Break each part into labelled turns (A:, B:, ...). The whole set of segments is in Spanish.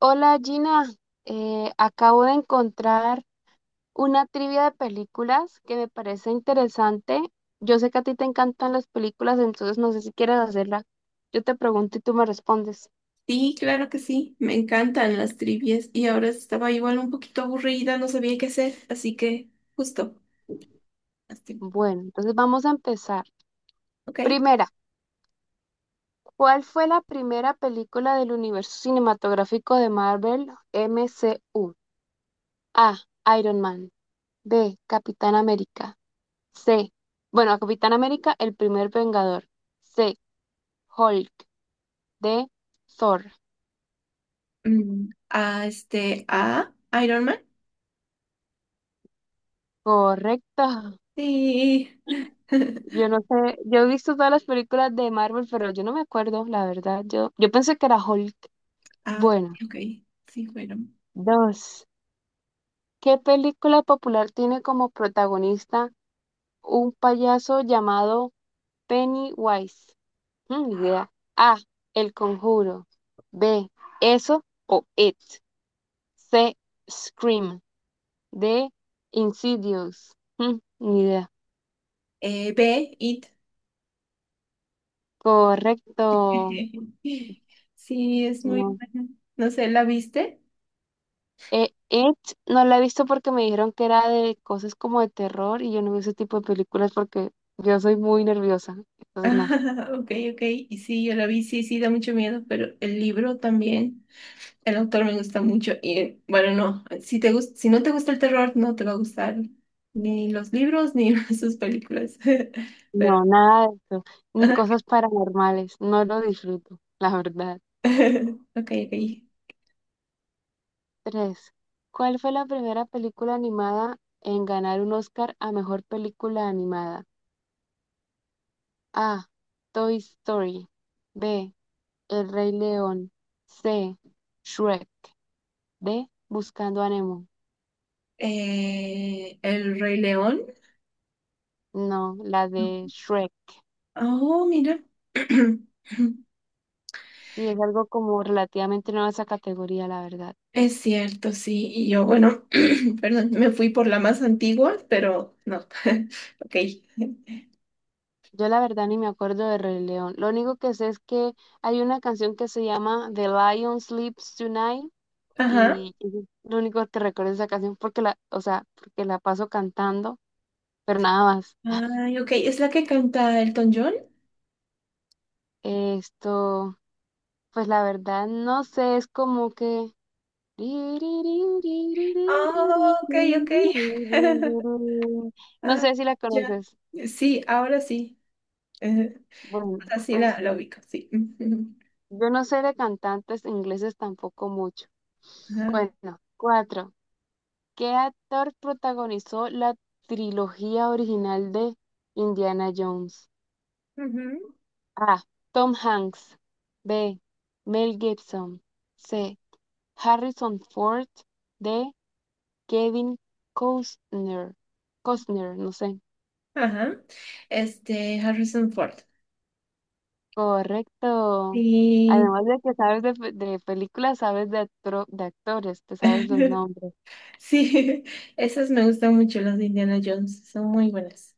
A: Hola Gina, acabo de encontrar una trivia de películas que me parece interesante. Yo sé que a ti te encantan las películas, entonces no sé si quieres hacerla. Yo te pregunto y tú me respondes.
B: Sí, claro que sí, me encantan las trivias y ahora estaba igual un poquito aburrida, no sabía qué hacer, así que justo, las tri-
A: Bueno, entonces vamos a empezar.
B: ok.
A: Primera, ¿cuál fue la primera película del universo cinematográfico de Marvel MCU? A. Iron Man. B. Capitán América. C. Bueno, Capitán América, el primer Vengador. C. Hulk. De Thor.
B: A Iron Man.
A: Correcto.
B: Sí.
A: Yo no sé, yo he visto todas las películas de Marvel, pero yo no me acuerdo, la verdad. Yo pensé que era Hulk.
B: Ah,
A: Bueno,
B: ok, sí, bueno.
A: dos. ¿Qué película popular tiene como protagonista un payaso llamado Pennywise? Mm, ni idea. A. El Conjuro. B. Eso o It. C. Scream. D. Insidious. Mm, ni idea.
B: B, It.
A: Correcto.
B: Sí, es muy
A: No.
B: buena. No sé, ¿la viste?
A: It no la he visto porque me dijeron que era de cosas como de terror y yo no veo ese tipo de películas porque yo soy muy nerviosa. Entonces no,
B: Ah, Ok, ok, y sí, yo la vi, sí, sí, da mucho miedo, pero el libro también. El autor me gusta mucho y bueno, no, si no te gusta el terror, no te va a gustar ni los libros ni sus películas.
A: no,
B: Pero,
A: nada de eso. Ni
B: ajá.
A: cosas paranormales. No lo disfruto, la verdad.
B: ok, ok.
A: Tres. ¿Cuál fue la primera película animada en ganar un Oscar a mejor película animada? A. Toy Story. B. El Rey León. C. Shrek. D. Buscando a Nemo.
B: El Rey León.
A: No, la de Shrek.
B: Oh, mira.
A: Sí, es algo como relativamente nueva esa categoría, la verdad.
B: Es cierto, sí. Y yo, bueno, perdón, me fui por la más antigua, pero no. Ok.
A: Yo la verdad ni me acuerdo de Rey León. Lo único que sé es que hay una canción que se llama The Lion Sleeps Tonight
B: Ajá.
A: y es lo único que recuerdo de esa canción porque la, o sea, porque la paso cantando, pero nada más.
B: Ay, ok. ¿Es la que canta Elton John?
A: Esto, pues la verdad no sé, es como que
B: Oh, ok, ok.
A: no
B: Ah,
A: sé si la
B: ya.
A: conoces.
B: Sí, ahora sí. Eh,
A: Bueno,
B: así la,
A: pues
B: la ubico, sí. Ujú.
A: yo no sé de cantantes ingleses tampoco mucho.
B: Ajá.
A: Bueno, cuatro. ¿Qué actor protagonizó la trilogía original de Indiana Jones?
B: Ujú.
A: A. Tom Hanks. B. Mel Gibson. C. Harrison Ford. D. Kevin Costner. Costner, no sé.
B: Ajá. Este, Harrison Ford.
A: Correcto.
B: Y
A: Además de que sabes de, pe- de películas, sabes de, actro- de actores, te sabes los nombres.
B: sí, esas me gustan mucho, las de Indiana Jones. Son muy buenas.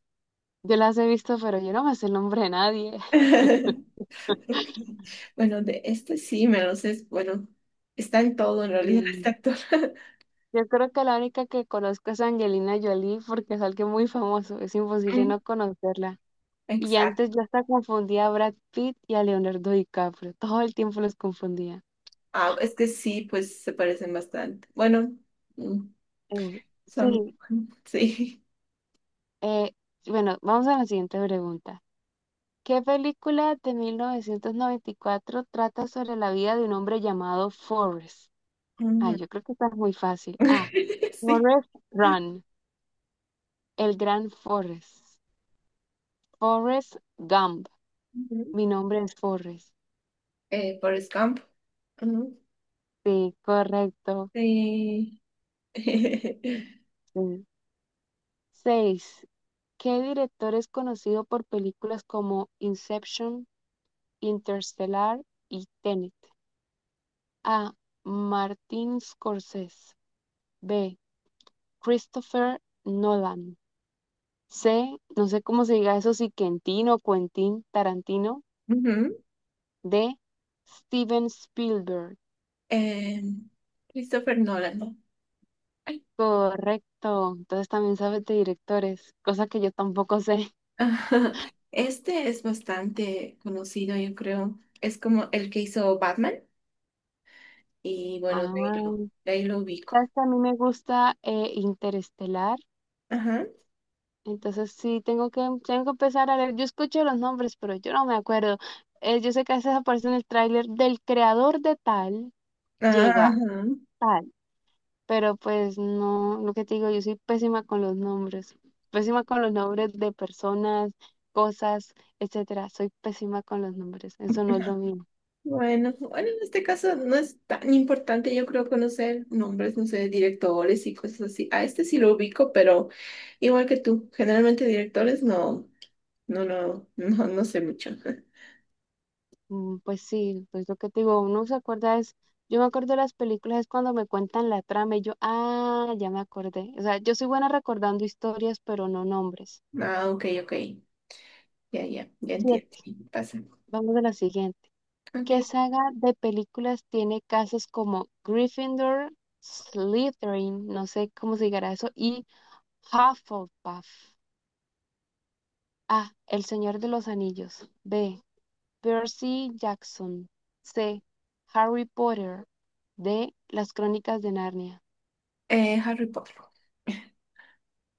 A: Yo las he visto, pero yo no me sé el nombre de nadie.
B: Ok. Bueno, de este sí me lo sé. Bueno, está en todo en realidad este
A: Mm.
B: actor.
A: Yo creo que la única que conozco es Angelina Jolie porque es alguien muy famoso. Es imposible
B: Mm,
A: no conocerla. Y antes
B: Exacto.
A: yo hasta confundía a Brad Pitt y a Leonardo DiCaprio. Todo el tiempo los confundía.
B: Ah, es que sí, pues se parecen bastante. Bueno, mm,
A: Eh,
B: son,
A: sí,
B: sí.
A: eh, bueno, vamos a la siguiente pregunta. ¿Qué película de 1994 trata sobre la vida de un hombre llamado Forrest? Ay, yo creo que esta es muy fácil. Ah,
B: Sí.
A: Forrest Run, el gran Forrest. Forrest Gump.
B: Ujú.
A: Mi nombre es Forrest.
B: Forrest Gump. Ujú.
A: Sí, correcto.
B: Sí.
A: Sí. Seis. ¿Qué director es conocido por películas como Inception, Interstellar y Tenet? A. Martin Scorsese. B. Christopher Nolan. C. No sé cómo se diga eso, si Quentin o Quentin Tarantino.
B: Ujú.
A: D. Steven Spielberg.
B: Em, Christopher Nolan. Ay.
A: Correcto. Entonces también sabes de directores, cosa que yo tampoco sé.
B: Ajá. Este es bastante conocido, yo creo. Es como el que hizo Batman. Y
A: Ah,
B: bueno, de ahí lo ubico.
A: sabes que a mí me gusta Interestelar,
B: Ajá.
A: entonces sí tengo que empezar a leer. Yo escucho los nombres, pero yo no me acuerdo. Yo sé que a veces aparece en el tráiler del creador de tal,
B: Ajá.
A: llega tal, pero pues no, lo que te digo, yo soy pésima con los nombres, pésima con los nombres de personas, cosas, etcétera. Soy pésima con los nombres, eso no es lo mío.
B: Bueno, bueno, en este caso no es tan importante, yo creo, conocer nombres, no sé, directores y cosas así. A este sí lo ubico, pero igual que tú, generalmente directores no, no sé mucho.
A: Mm, pues sí, pues lo que te digo, uno se acuerda es, yo me acuerdo de las películas es cuando me cuentan la trama y yo, ah, ya me acordé. O sea, yo soy buena recordando historias, pero no nombres.
B: Ah, ok, ok, ya entiendo,
A: Siete,
B: pasa.
A: vamos a la siguiente.
B: Ok,
A: ¿Qué saga de películas tiene casas como Gryffindor, Slytherin, no sé cómo se llegará eso, y Hufflepuff? A, El Señor de los Anillos. B, Percy Jackson. C, Harry Potter. D, Las Crónicas de Narnia.
B: Harry Potter.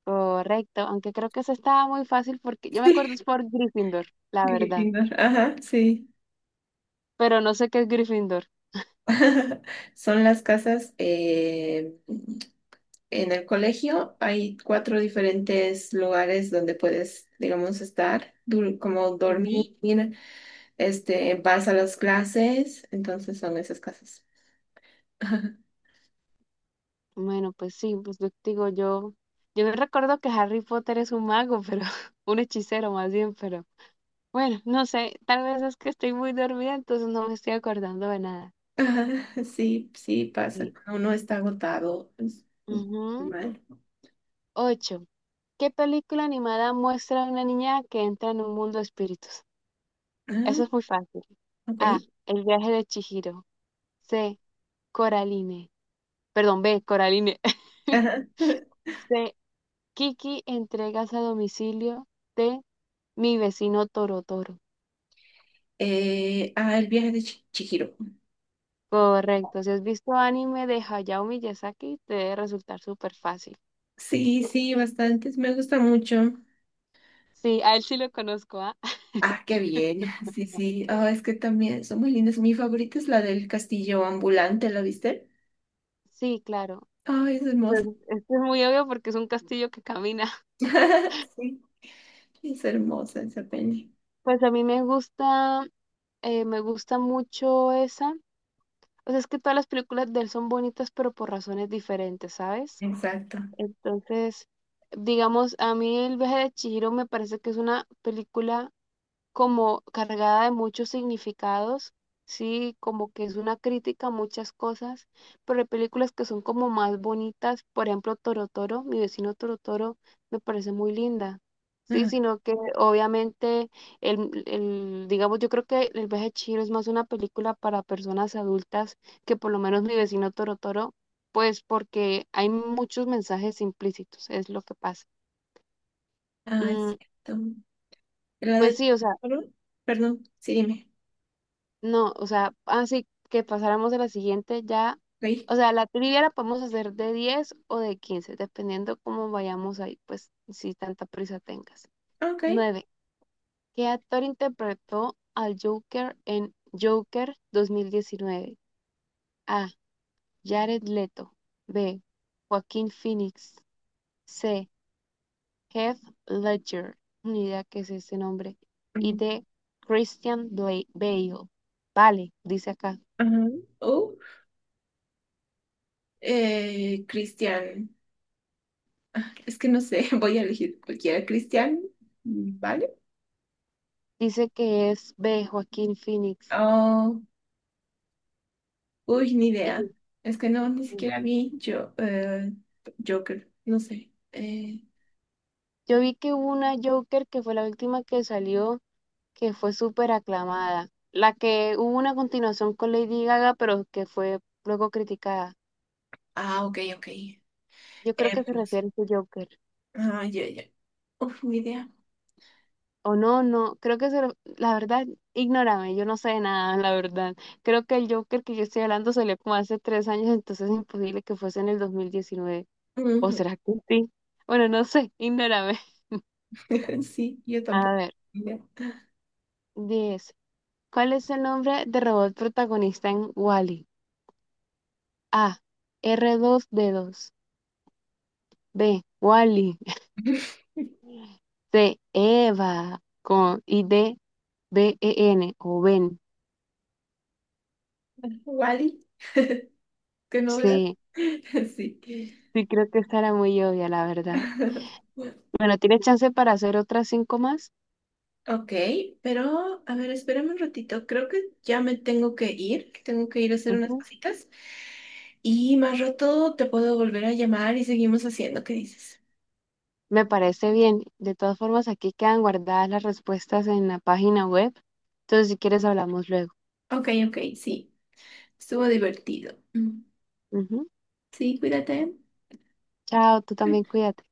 A: Correcto, aunque creo que eso estaba muy fácil porque yo me acuerdo es por Gryffindor, la verdad,
B: Gryffindor, ajá, sí.
A: pero no sé qué es Gryffindor.
B: Son las casas, en el colegio hay cuatro diferentes lugares donde puedes, digamos, estar, como
A: Ujú.
B: dormir, este, vas a las clases, entonces son esas casas.
A: Bueno, pues sí, pues yo te digo yo, yo no recuerdo que Harry Potter es un mago, pero un hechicero más bien, pero bueno, no sé, tal vez es que estoy muy dormida, entonces no me estoy acordando de nada.
B: Ah, sí, sí, pasa.
A: Sí.
B: Cuando uno está agotado. Es
A: Ujú.
B: normal.
A: Ocho. ¿Qué película animada muestra a una niña que entra en un mundo de espíritus? Eso
B: Ah,
A: es muy fácil.
B: ok.
A: A. El viaje de Chihiro. C. Coraline. Perdón, B, Coraline.
B: Ajá.
A: C, Kiki, entregas a domicilio de mi vecino Toro Toro.
B: El viaje de Chihiro.
A: Correcto. Si has visto anime de Hayao Miyazaki, te debe resultar súper fácil.
B: Sí, sí, bastantes. Me gusta mucho.
A: Sí, a él sí lo conozco, ¿ah?
B: Ah, qué bien. Sí, sí. Ah, es que también son muy lindas. Mi favorita es la del castillo ambulante, ¿la viste?
A: Sí, claro.
B: Ay, es
A: Pues
B: hermosa.
A: esto es muy obvio porque es un castillo que camina.
B: Sí, es hermosa esa peli.
A: Pues a mí me gusta mucho esa. O sea, es que todas las películas de él son bonitas, pero por razones diferentes, ¿sabes?
B: Exacto.
A: Entonces, digamos, a mí El viaje de Chihiro me parece que es una película como cargada de muchos significados, sí, como que es una crítica a muchas cosas, pero hay películas que son como más bonitas, por ejemplo, Toro Toro, mi vecino Toro Toro, me parece muy linda. Sí,
B: Ah,
A: sino que obviamente digamos, yo creo que El viaje de Chihiro es más una película para personas adultas que por lo menos mi vecino Toro Toro, pues porque hay muchos mensajes implícitos, es lo que pasa.
B: ah, es
A: Mm,
B: cierto. La
A: pues
B: de...
A: sí, o sea,
B: Perdón, Perdón, sí, dime.
A: no, o sea, así que pasáramos a la siguiente ya.
B: ¿Veí?
A: O sea, la trivia la podemos hacer de 10 o de 15 dependiendo cómo vayamos ahí, pues si tanta prisa tengas.
B: Ok.
A: Nueve. ¿Qué actor interpretó al Joker en Joker 2019? A. Jared Leto. B. Joaquín Phoenix. C. Heath Ledger. Ni idea qué es ese nombre. Y
B: Mm,
A: D. Christian Bale. Vale, dice acá.
B: Ajá. Oh, Cristian. Ah, es que no sé, voy a elegir cualquiera. Cristian, ¿vale?
A: Dice que es B, Joaquín Phoenix.
B: Oh, uy, ni
A: Y
B: idea. Es que no, ni siquiera vi yo, Joker, no sé.
A: yo vi que hubo una Joker que fue la última que salió, que fue súper aclamada. La que hubo una continuación con Lady Gaga, pero que fue luego criticada.
B: Ok, ok.
A: Yo creo que se
B: No sé.
A: refiere a ese Joker.
B: Ah, ya, ya. Uf, ni idea.
A: O no, no, creo que se... La verdad, ignórame, yo no sé de nada, la verdad. Creo que el Joker que yo estoy hablando salió como hace 3 años, entonces es imposible que fuese en el 2019. ¿O
B: Ujú.
A: será que sí? Bueno, no sé, ignórame.
B: Sí, yo
A: A
B: tampoco.
A: ver.
B: Mira.
A: Diez. ¿Cuál es el nombre de robot protagonista en Wall-E? A. R2-D2. B. Wall-E. C. Eva. Con, y D. BEN o Ben.
B: Wally, qué novedad.
A: C.
B: Sí.
A: Sí, creo que estará muy obvia, la verdad. Bueno, tienes chance para hacer otras 5 más.
B: Ok, pero a ver, espérame un ratito. Creo que ya me tengo que ir. Tengo que ir a hacer unas
A: Ujú.
B: cositas. Y más rato te puedo volver a llamar y seguimos haciendo. ¿Qué dices?
A: Me parece bien. De todas formas, aquí quedan guardadas las respuestas en la página web. Entonces, si quieres, hablamos luego.
B: Ok, ok, sí. Estuvo divertido. Mm.
A: Ujú.
B: Sí, cuídate.
A: Chao, tú también cuídate.